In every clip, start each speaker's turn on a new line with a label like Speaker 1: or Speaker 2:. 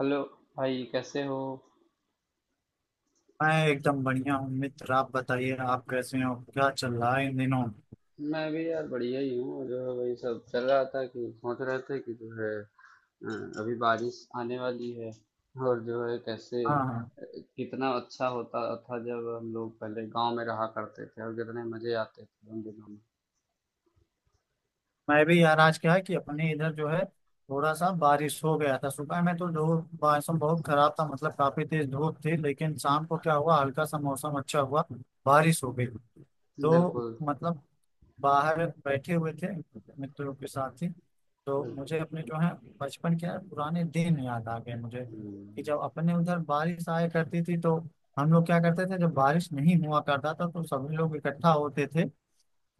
Speaker 1: Hello. भाई कैसे हो?
Speaker 2: मैं एकदम बढ़िया हूँ मित्र, आप बताइए आप कैसे हो, क्या चल रहा है इन दिनों।
Speaker 1: मैं भी यार बढ़िया ही हूँ। जो है वही सब चल रहा था कि सोच रहे थे कि जो है अ, अभी बारिश आने वाली है। और जो है कैसे
Speaker 2: हाँ, हाँ।
Speaker 1: कितना अच्छा होता था जब हम लोग पहले गांव में रहा करते थे, और कितने मजे आते थे उन दिनों
Speaker 2: मैं भी यार आज क्या है कि अपने इधर जो है थोड़ा सा बारिश हो गया था, सुबह में तो धूप मौसम बहुत खराब था, मतलब काफी तेज धूप थी, लेकिन शाम को क्या हुआ हल्का सा मौसम अच्छा हुआ, बारिश हो गई।
Speaker 1: में।
Speaker 2: तो
Speaker 1: बिल्कुल
Speaker 2: मतलब बाहर बैठे हुए थे मित्रों के साथ ही, तो
Speaker 1: बिल्कुल।
Speaker 2: मुझे अपने जो है बचपन के पुराने दिन याद आ गए मुझे। कि
Speaker 1: हम्म।
Speaker 2: जब अपने उधर बारिश आया करती थी तो हम लोग क्या करते थे, जब बारिश नहीं हुआ करता था तो सभी लोग इकट्ठा होते थे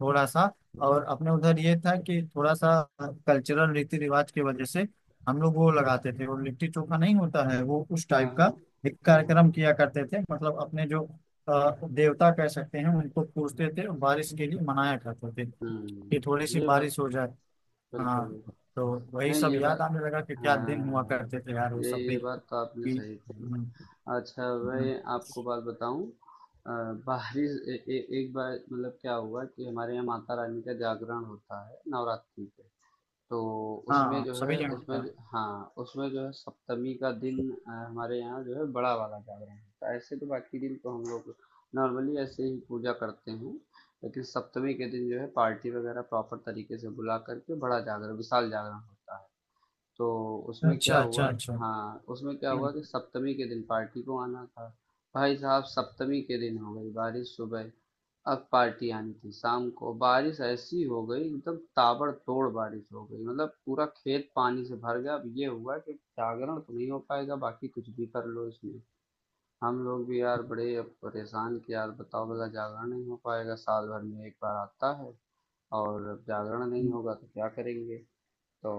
Speaker 2: थोड़ा सा। और अपने उधर ये था कि थोड़ा सा कल्चरल रीति रिवाज की वजह से हम लोग वो लगाते थे, वो लिट्टी चोखा नहीं होता है वो उस
Speaker 1: हाँ हाँ।
Speaker 2: टाइप का एक
Speaker 1: हाँ
Speaker 2: कार्यक्रम
Speaker 1: हाँ।
Speaker 2: किया करते थे, मतलब अपने जो देवता कह सकते हैं उनको पूजते थे और बारिश के लिए मनाया करते थे कि थोड़ी
Speaker 1: हम्म,
Speaker 2: सी
Speaker 1: ये बात
Speaker 2: बारिश हो जाए।
Speaker 1: बिल्कुल।
Speaker 2: हाँ। तो वही
Speaker 1: नहीं,
Speaker 2: सब
Speaker 1: ये
Speaker 2: याद
Speaker 1: बात
Speaker 2: आने लगा कि
Speaker 1: हाँ
Speaker 2: क्या दिन हुआ
Speaker 1: हाँ,
Speaker 2: करते थे यार, वो
Speaker 1: ये
Speaker 2: सब
Speaker 1: ये
Speaker 2: भी
Speaker 1: बात तो आपने
Speaker 2: कि।
Speaker 1: सही कही।
Speaker 2: हम्म।
Speaker 1: अच्छा,
Speaker 2: हम्म।
Speaker 1: मैं आपको बात बताऊँ। अ, बाहरी ए, ए, एक बार मतलब क्या हुआ कि हमारे यहाँ माता रानी का जागरण होता है नवरात्रि पे। तो
Speaker 2: हाँ,
Speaker 1: उसमें
Speaker 2: हाँ,
Speaker 1: जो
Speaker 2: सभी
Speaker 1: है
Speaker 2: जगह होता
Speaker 1: हाँ, उसमें जो है सप्तमी का दिन हमारे यहाँ जो है बड़ा वाला जागरण होता है। ऐसे तो बाकी दिन तो हम लोग नॉर्मली ऐसे ही पूजा करते हैं, लेकिन सप्तमी के दिन जो है पार्टी वगैरह प्रॉपर तरीके से बुला करके बड़ा जागरण विशाल जागरण होता है। तो
Speaker 2: है।
Speaker 1: उसमें क्या
Speaker 2: अच्छा,
Speaker 1: हुआ?
Speaker 2: अच्छा, अच्छा।
Speaker 1: हाँ, उसमें क्या
Speaker 2: हम्म।
Speaker 1: हुआ कि सप्तमी के दिन पार्टी को आना था। भाई साहब, सप्तमी के दिन हो गई बारिश सुबह। अब पार्टी आनी थी शाम को, बारिश ऐसी हो गई एकदम ताबड़तोड़ बारिश हो गई मतलब पूरा खेत पानी से भर गया। अब ये हुआ कि जागरण तो नहीं हो पाएगा बाकी कुछ भी कर लो इसमें। हम लोग भी यार बड़े अब परेशान कि यार बताओ भला जागरण नहीं हो पाएगा, साल भर में एक बार आता है, और अब जागरण नहीं
Speaker 2: हम्म।
Speaker 1: होगा तो क्या करेंगे। तो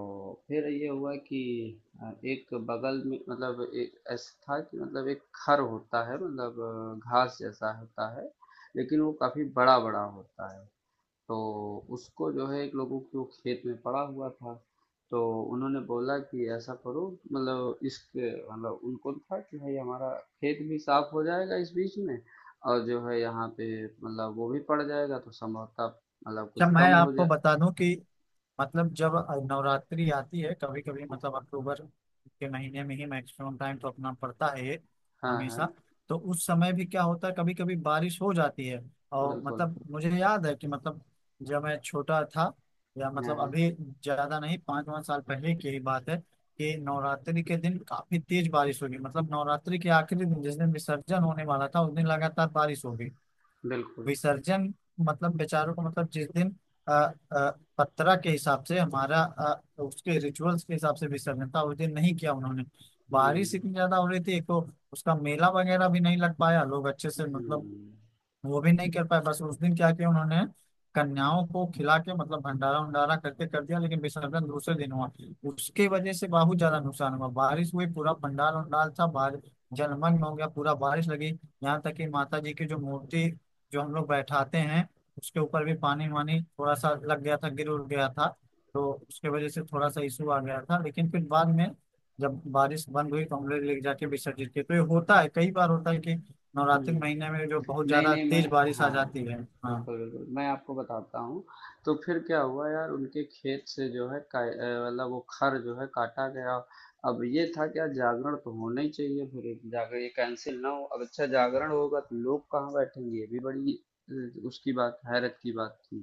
Speaker 1: फिर ये हुआ कि एक बगल में मतलब एक ऐसा था कि मतलब एक खर होता है मतलब घास जैसा होता है, लेकिन वो काफी बड़ा बड़ा होता है। तो उसको जो है एक लोगों के वो खेत में पड़ा हुआ था। तो उन्होंने बोला कि ऐसा करो मतलब इसके मतलब उनको था कि भाई हमारा खेत भी साफ हो जाएगा इस बीच में, और जो है यहाँ पे मतलब वो भी पड़ जाएगा तो संभवतः मतलब
Speaker 2: अच्छा,
Speaker 1: कुछ कम
Speaker 2: मैं
Speaker 1: हो
Speaker 2: आपको
Speaker 1: जाए।
Speaker 2: बता दूं कि मतलब जब नवरात्रि आती है कभी कभी, मतलब अक्टूबर के महीने में ही मैक्सिमम टाइम तो अपना पड़ता है ये,
Speaker 1: हाँ हाँ
Speaker 2: हमेशा। तो उस समय भी क्या होता है कभी कभी बारिश हो जाती है, और
Speaker 1: बिल्कुल।
Speaker 2: मतलब मुझे याद है कि मतलब जब मैं छोटा था, या
Speaker 1: हाँ
Speaker 2: मतलब
Speaker 1: हाँ
Speaker 2: अभी ज्यादा नहीं पाँच पाँच साल पहले की ही बात है, कि नवरात्रि के दिन काफी तेज बारिश होगी, मतलब नवरात्रि के आखिरी दिन जिस दिन विसर्जन होने वाला था उस दिन लगातार बारिश होगी।
Speaker 1: बिल्कुल।
Speaker 2: विसर्जन मतलब बेचारों को, मतलब जिस दिन अ, अ, पत्रा के हिसाब से हमारा, उसके रिचुअल्स के हिसाब से विसर्जन था उस दिन नहीं किया उन्होंने। बारिश इतनी
Speaker 1: हुँ,
Speaker 2: ज्यादा हो रही थी, एक तो उसका मेला वगैरह भी नहीं लग पाया, लोग अच्छे से मतलब
Speaker 1: हुँ,
Speaker 2: वो भी नहीं कर पाए, बस उस दिन क्या किया उन्होंने कन्याओं को खिला के मतलब भंडारा उंडारा करके कर दिया, लेकिन विसर्जन दूसरे दिन हुआ। उसके वजह से बहुत ज्यादा नुकसान हुआ, बारिश हुई पूरा पंडाल उंडाल था, बारिश जलमग्न हो गया पूरा, बारिश लगी। यहाँ तक कि माता जी की जो मूर्ति जो हम लोग बैठाते हैं उसके ऊपर भी पानी वानी थोड़ा सा लग गया था, गिर उड़ गया था। तो उसके वजह से थोड़ा सा इशू आ गया था, लेकिन फिर बाद में जब बारिश बंद हुई तो हम लोग ले जाके विसर्जित किए। तो ये होता है, कई बार होता है कि
Speaker 1: हुँ।
Speaker 2: नवरात्रि के महीने में जो बहुत
Speaker 1: नहीं,
Speaker 2: ज्यादा
Speaker 1: नहीं,
Speaker 2: तेज
Speaker 1: मैं
Speaker 2: बारिश आ
Speaker 1: हाँ,
Speaker 2: जाती है। हाँ।
Speaker 1: बिल्कुल, बिल्कुल। मैं आपको बताता हूँ। तो फिर क्या हुआ यार उनके खेत से जो है का मतलब वो खर जो है काटा गया। अब ये था कि यार जागरण तो होना ही चाहिए फिर जाकर ये कैंसल ना हो। अब अच्छा जागरण होगा तो लोग कहाँ बैठेंगे ये भी बड़ी उसकी बात हैरत की बात थी।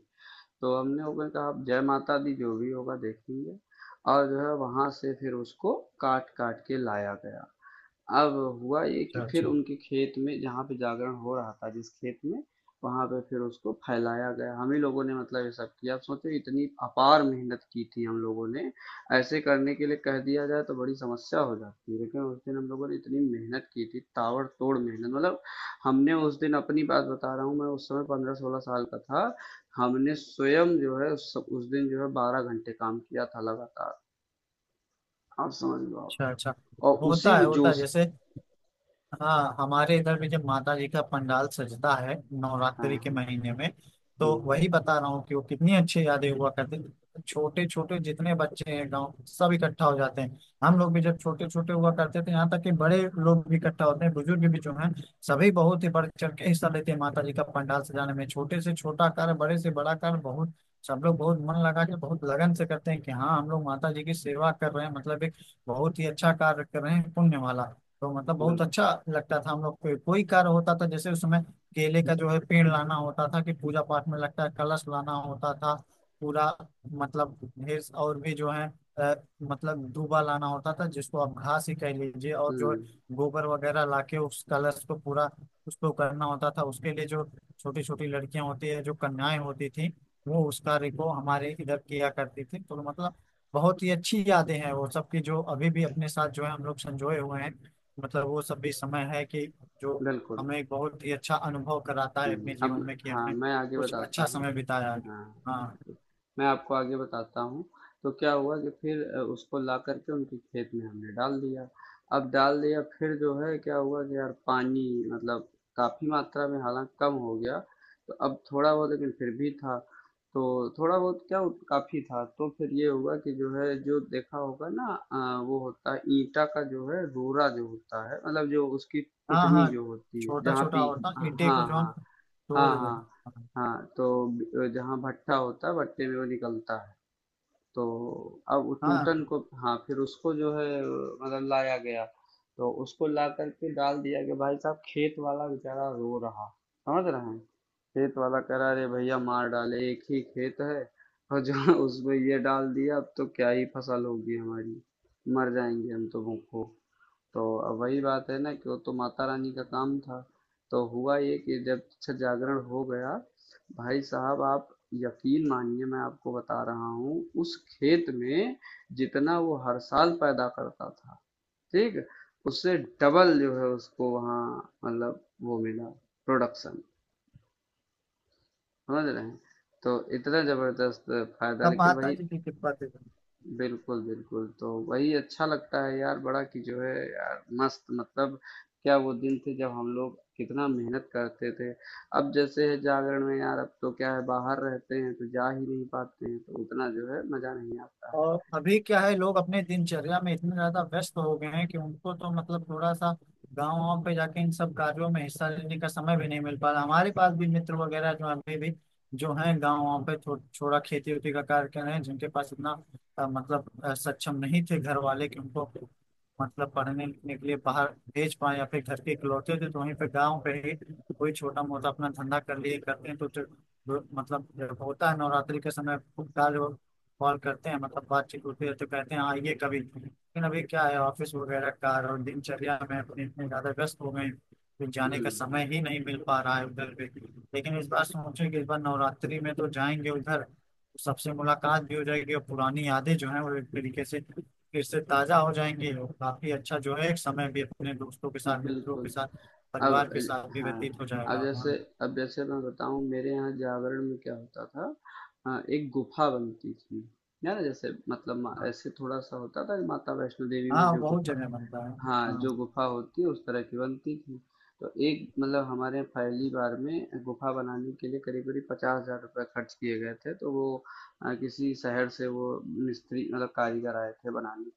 Speaker 1: तो हम लोगों ने कहा अब जय माता दी, जो भी होगा देखेंगे। और जो है वहाँ से फिर उसको काट-काट के लाया गया। अब हुआ ये कि
Speaker 2: अच्छा,
Speaker 1: फिर
Speaker 2: अच्छा,
Speaker 1: उनके खेत में जहाँ पे जागरण हो रहा था जिस खेत में, वहां पे फिर उसको फैलाया गया। हम ही लोगों ने मतलब ये सब किया। आप सोचो इतनी अपार मेहनत की थी हम लोगों ने। ऐसे करने के लिए कह दिया जाए तो बड़ी समस्या हो जाती है, लेकिन उस दिन हम लोगों ने इतनी मेहनत की थी ताबड़तोड़ मेहनत मतलब हमने उस दिन, अपनी बात बता रहा हूँ मैं, उस समय 15-16 साल का था। हमने स्वयं जो है उस दिन जो है 12 घंटे काम किया था लगातार। आप समझ लो
Speaker 2: अच्छा,
Speaker 1: आप।
Speaker 2: अच्छा।
Speaker 1: और उसी
Speaker 2: होता है
Speaker 1: जोश।
Speaker 2: जैसे। हाँ, हमारे इधर भी जब माता जी का पंडाल सजता है
Speaker 1: हाँ
Speaker 2: नवरात्रि के
Speaker 1: हाँ,
Speaker 2: महीने में, तो
Speaker 1: हम्म हम्म।
Speaker 2: वही बता रहा हूँ कि वो कितनी अच्छी यादें हुआ करती थी। छोटे छोटे जितने बच्चे हैं गांव सब इकट्ठा हो जाते हैं, हम लोग भी जब छोटे छोटे हुआ करते थे, यहाँ तक कि बड़े लोग भी इकट्ठा होते हैं, बुजुर्ग भी जो हैं सभी बहुत ही बढ़ चढ़ के हिस्सा लेते हैं माता जी का पंडाल सजाने में, छोटे से छोटा कार्य बड़े से बड़ा कार्य बहुत, सब लोग बहुत मन लगा के बहुत लगन से करते हैं कि हाँ हम लोग माता जी की सेवा कर रहे हैं, मतलब एक बहुत ही अच्छा कार्य कर रहे हैं, पुण्य वाला। तो मतलब बहुत
Speaker 1: बिल्कुल।
Speaker 2: अच्छा लगता था हम लोग को, कोई कार्य होता था जैसे उसमें केले का जो है पेड़ लाना होता था, कि पूजा पाठ में लगता है कलश लाना होता था पूरा, मतलब ढेर, और भी जो है, अ, मतलब दूबा लाना होता था जिसको आप घास ही कह लीजिए, और जो है
Speaker 1: हुँ।
Speaker 2: गोबर वगैरह लाके उस कलश को पूरा उसको करना होता था। उसके लिए जो छोटी छोटी लड़कियां होती है, जो कन्याएं होती थी वो उस कार्य को हमारे इधर किया करती थी, तो मतलब बहुत ही अच्छी यादें हैं वो सब की, जो अभी भी अपने साथ जो है हम लोग संजोए हुए हैं, मतलब वो सब भी समय है कि जो
Speaker 1: बिल्कुल।
Speaker 2: हमें एक बहुत ही अच्छा अनुभव कराता है
Speaker 1: हुँ।
Speaker 2: अपने जीवन
Speaker 1: अब
Speaker 2: में, कि
Speaker 1: हाँ,
Speaker 2: हमने
Speaker 1: मैं आगे
Speaker 2: कुछ
Speaker 1: बताता
Speaker 2: अच्छा
Speaker 1: हूँ।
Speaker 2: समय बिताया है।
Speaker 1: हाँ,
Speaker 2: हाँ।
Speaker 1: बिल्कुल। मैं आपको आगे बताता हूँ। तो क्या हुआ कि फिर उसको ला करके उनके खेत में हमने डाल दिया। अब डाल दिया फिर जो है क्या हुआ कि यार पानी मतलब काफी मात्रा में हालांकि कम हो गया। तो अब थोड़ा बहुत लेकिन फिर भी था। तो थोड़ा बहुत क्या काफी था। तो फिर ये हुआ कि जो है जो देखा होगा ना वो होता है ईंटा का जो है रोरा जो होता है मतलब जो उसकी
Speaker 2: हाँ।
Speaker 1: कुटनी
Speaker 2: हाँ।
Speaker 1: जो होती है
Speaker 2: छोटा
Speaker 1: जहाँ
Speaker 2: छोटा
Speaker 1: पे
Speaker 2: होता,
Speaker 1: हाँ
Speaker 2: ईंटे को
Speaker 1: हाँ
Speaker 2: जो हम
Speaker 1: हाँ। हाँ
Speaker 2: तोड़ देते
Speaker 1: हाँ
Speaker 2: हैं।
Speaker 1: हाँ, तो जहाँ भट्टा होता है भट्टे में वो निकलता है। तो अब वो
Speaker 2: हाँ, हाँ,
Speaker 1: टूटन को, हाँ, फिर उसको जो है मतलब लाया गया। तो उसको ला करके डाल दिया कि भाई साहब खेत वाला बेचारा रो रहा, समझ रहे हैं? खेत वाला कह रहा अरे भैया मार डाले, एक ही खेत है, और जहाँ उसमें ये डाल दिया अब तो क्या ही फसल होगी हमारी, मर जाएंगे हम तो भूखों। तो अब वही बात है ना कि वो तो माता रानी का काम था। तो हुआ ये कि जब अच्छा जागरण हो गया, भाई साहब आप यकीन मानिए मैं आपको बता रहा हूँ उस खेत में जितना वो हर साल पैदा करता था, ठीक, उससे डबल जो है उसको वहाँ मतलब वो मिला, प्रोडक्शन। समझ रहे हैं? तो इतना जबरदस्त फायदा,
Speaker 2: तब
Speaker 1: लेकिन
Speaker 2: माता
Speaker 1: वही।
Speaker 2: जी की कृपा थी।
Speaker 1: बिल्कुल, बिल्कुल। तो वही अच्छा लगता है यार बड़ा कि जो है यार मस्त मतलब क्या वो दिन थे जब हम लोग कितना मेहनत करते थे। अब जैसे है जागरण में यार अब तो क्या है बाहर रहते हैं तो जा ही नहीं पाते हैं तो उतना जो है मज़ा नहीं आता है।
Speaker 2: और अभी क्या है, लोग अपने दिनचर्या में इतने ज्यादा व्यस्त हो गए हैं कि उनको तो मतलब थोड़ा सा गाँव वाँव पे जाके इन सब कार्यों में हिस्सा लेने का समय भी नहीं मिल पा रहा। हमारे पास भी मित्र वगैरह जो अभी भी जो हैं गाँव वाँव पे थोड़ा खेती वेती का कार्य कर रहे हैं, जिनके पास इतना मतलब सक्षम नहीं थे घर वाले कि उनको मतलब पढ़ने लिखने के लिए बाहर भेज पाए, या फिर घर के इकलौते थे तो वहीं पे गाँव पे ही कोई छोटा मोटा अपना धंधा कर लिए करते हैं, तो मतलब होता है नवरात्रि के समय खूब कार्य, कॉल करते हैं मतलब बातचीत होती है तो कहते हैं आइए कभी, लेकिन अभी क्या है ऑफिस वगैरह का और दिनचर्या में अपने इतने ज्यादा व्यस्त हो गए हैं, कि जाने का
Speaker 1: हुँ।
Speaker 2: समय ही नहीं मिल पा रहा है उधर पे। लेकिन इस बार सोचे कि इस बार नवरात्रि में तो जाएंगे उधर, तो सबसे मुलाकात भी हो जाएगी और पुरानी यादें जो है वो एक तरीके से फिर से ताजा हो जाएंगी, और काफी अच्छा जो है एक समय भी अपने दोस्तों के साथ, मित्रों के
Speaker 1: बिल्कुल।
Speaker 2: साथ,
Speaker 1: अब
Speaker 2: परिवार के साथ भी व्यतीत
Speaker 1: हाँ,
Speaker 2: हो जाएगा। हाँ।
Speaker 1: अब जैसे मैं बताऊँ मेरे यहाँ जागरण में क्या होता था। एक गुफ़ा बनती थी। है ना? जैसे मतलब म
Speaker 2: हाँ,
Speaker 1: ऐसे थोड़ा-सा होता था कि माता वैष्णो देवी में
Speaker 2: हाँ,
Speaker 1: जो
Speaker 2: बहुत
Speaker 1: गुफ़ा,
Speaker 2: जगह बनता है।
Speaker 1: हाँ,
Speaker 2: हाँ।
Speaker 1: जो गुफा होती है उस तरह की बनती थी। तो एक मतलब हमारे यहाँ पहली बार में गुफा बनाने के लिए करीब करीब 50,000 रुपये खर्च किए गए थे। तो वो किसी शहर से वो मिस्त्री मतलब कारीगर आए थे बनाने।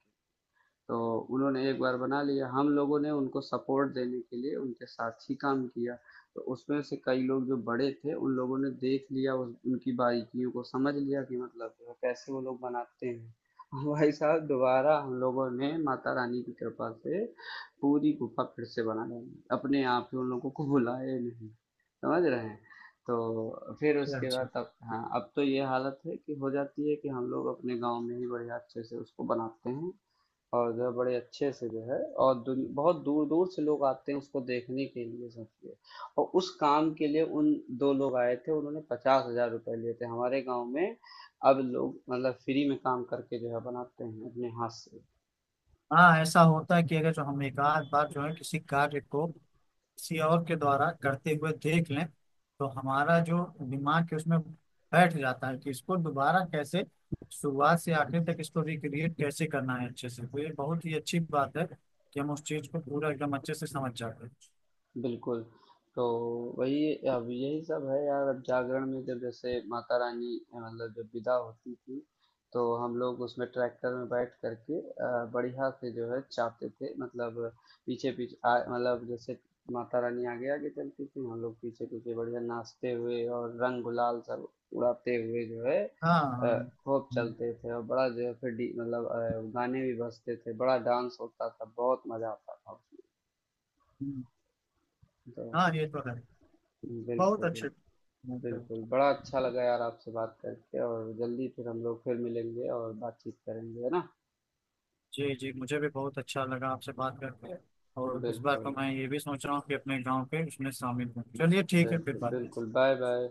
Speaker 1: तो उन्होंने एक बार बना लिया। हम लोगों ने उनको सपोर्ट देने के लिए उनके साथ ही काम किया। तो उसमें से कई लोग जो बड़े थे उन लोगों ने देख लिया उस उनकी बारीकियों को समझ लिया कि मतलब जो है कैसे वो लोग बनाते हैं। भाई साहब दोबारा हम लोगों ने माता रानी की कृपा से पूरी गुफा फिर से बना ली अपने आप ही, उन लोगों को बुलाए नहीं। समझ रहे हैं? तो फिर
Speaker 2: अच्छा,
Speaker 1: उसके
Speaker 2: अच्छा।
Speaker 1: बाद अब हाँ अब तो ये हालत है कि हो जाती है कि हम लोग अपने गांव में ही बढ़िया अच्छे से उसको बनाते हैं, और जो है बड़े अच्छे से जो है और दुन बहुत दूर-दूर से लोग आते हैं उसको देखने के लिए, समझिए। और उस काम के लिए उन 2 लोग आए थे, उन्होंने 50,000 रुपए लिए थे। हमारे गाँव में अब लोग मतलब फ्री में काम करके जो है बनाते हैं अपने हाथ से।
Speaker 2: हाँ, ऐसा होता है कि अगर जो हम एक आध बार जो है किसी कार्य को किसी और के द्वारा करते हुए देख लें, तो हमारा जो दिमाग है उसमें बैठ जाता है कि इसको दोबारा कैसे, शुरुआत से आखिर तक इसको रिक्रिएट कैसे करना है अच्छे से। तो ये बहुत ही अच्छी बात है कि हम उस चीज को पूरा एकदम अच्छे से समझ जाते हैं।
Speaker 1: बिल्कुल। तो वही अब यही सब है यार अब जागरण में जब जैसे माता रानी मतलब जब विदा होती थी तो हम लोग उसमें ट्रैक्टर में बैठ करके बढ़िया से जो है चाहते थे मतलब पीछे पीछे मतलब जैसे माता रानी आगे आगे चलती थी हम लोग पीछे पीछे बढ़िया नाचते हुए और रंग गुलाल सब उड़ाते हुए जो है
Speaker 2: हाँ।
Speaker 1: अ,
Speaker 2: हाँ।
Speaker 1: खूब
Speaker 2: हम्म।
Speaker 1: चलते थे, और बड़ा जो है फिर मतलब गाने भी बजते थे बड़ा डांस होता था बहुत मजा आता था उसमें।
Speaker 2: हम्म।
Speaker 1: तो
Speaker 2: हाँ, ये तो है। बहुत
Speaker 1: बिल्कुल
Speaker 2: अच्छे।
Speaker 1: बिल्कुल। बिल्कुल, बड़ा अच्छा लगा यार आपसे बात करके, और जल्दी फिर हम लोग फिर मिलेंगे और बातचीत करेंगे, है ना?
Speaker 2: जी, जी, मुझे भी बहुत अच्छा लगा आपसे बात करके, और इस बार तो
Speaker 1: बिल्कुल,
Speaker 2: मैं ये भी सोच रहा हूँ कि अपने गांव के उसमें शामिल हूँ। चलिए ठीक है, फिर
Speaker 1: बिल्कुल,
Speaker 2: बात करते
Speaker 1: बिल्कुल,
Speaker 2: हैं।
Speaker 1: Bye bye.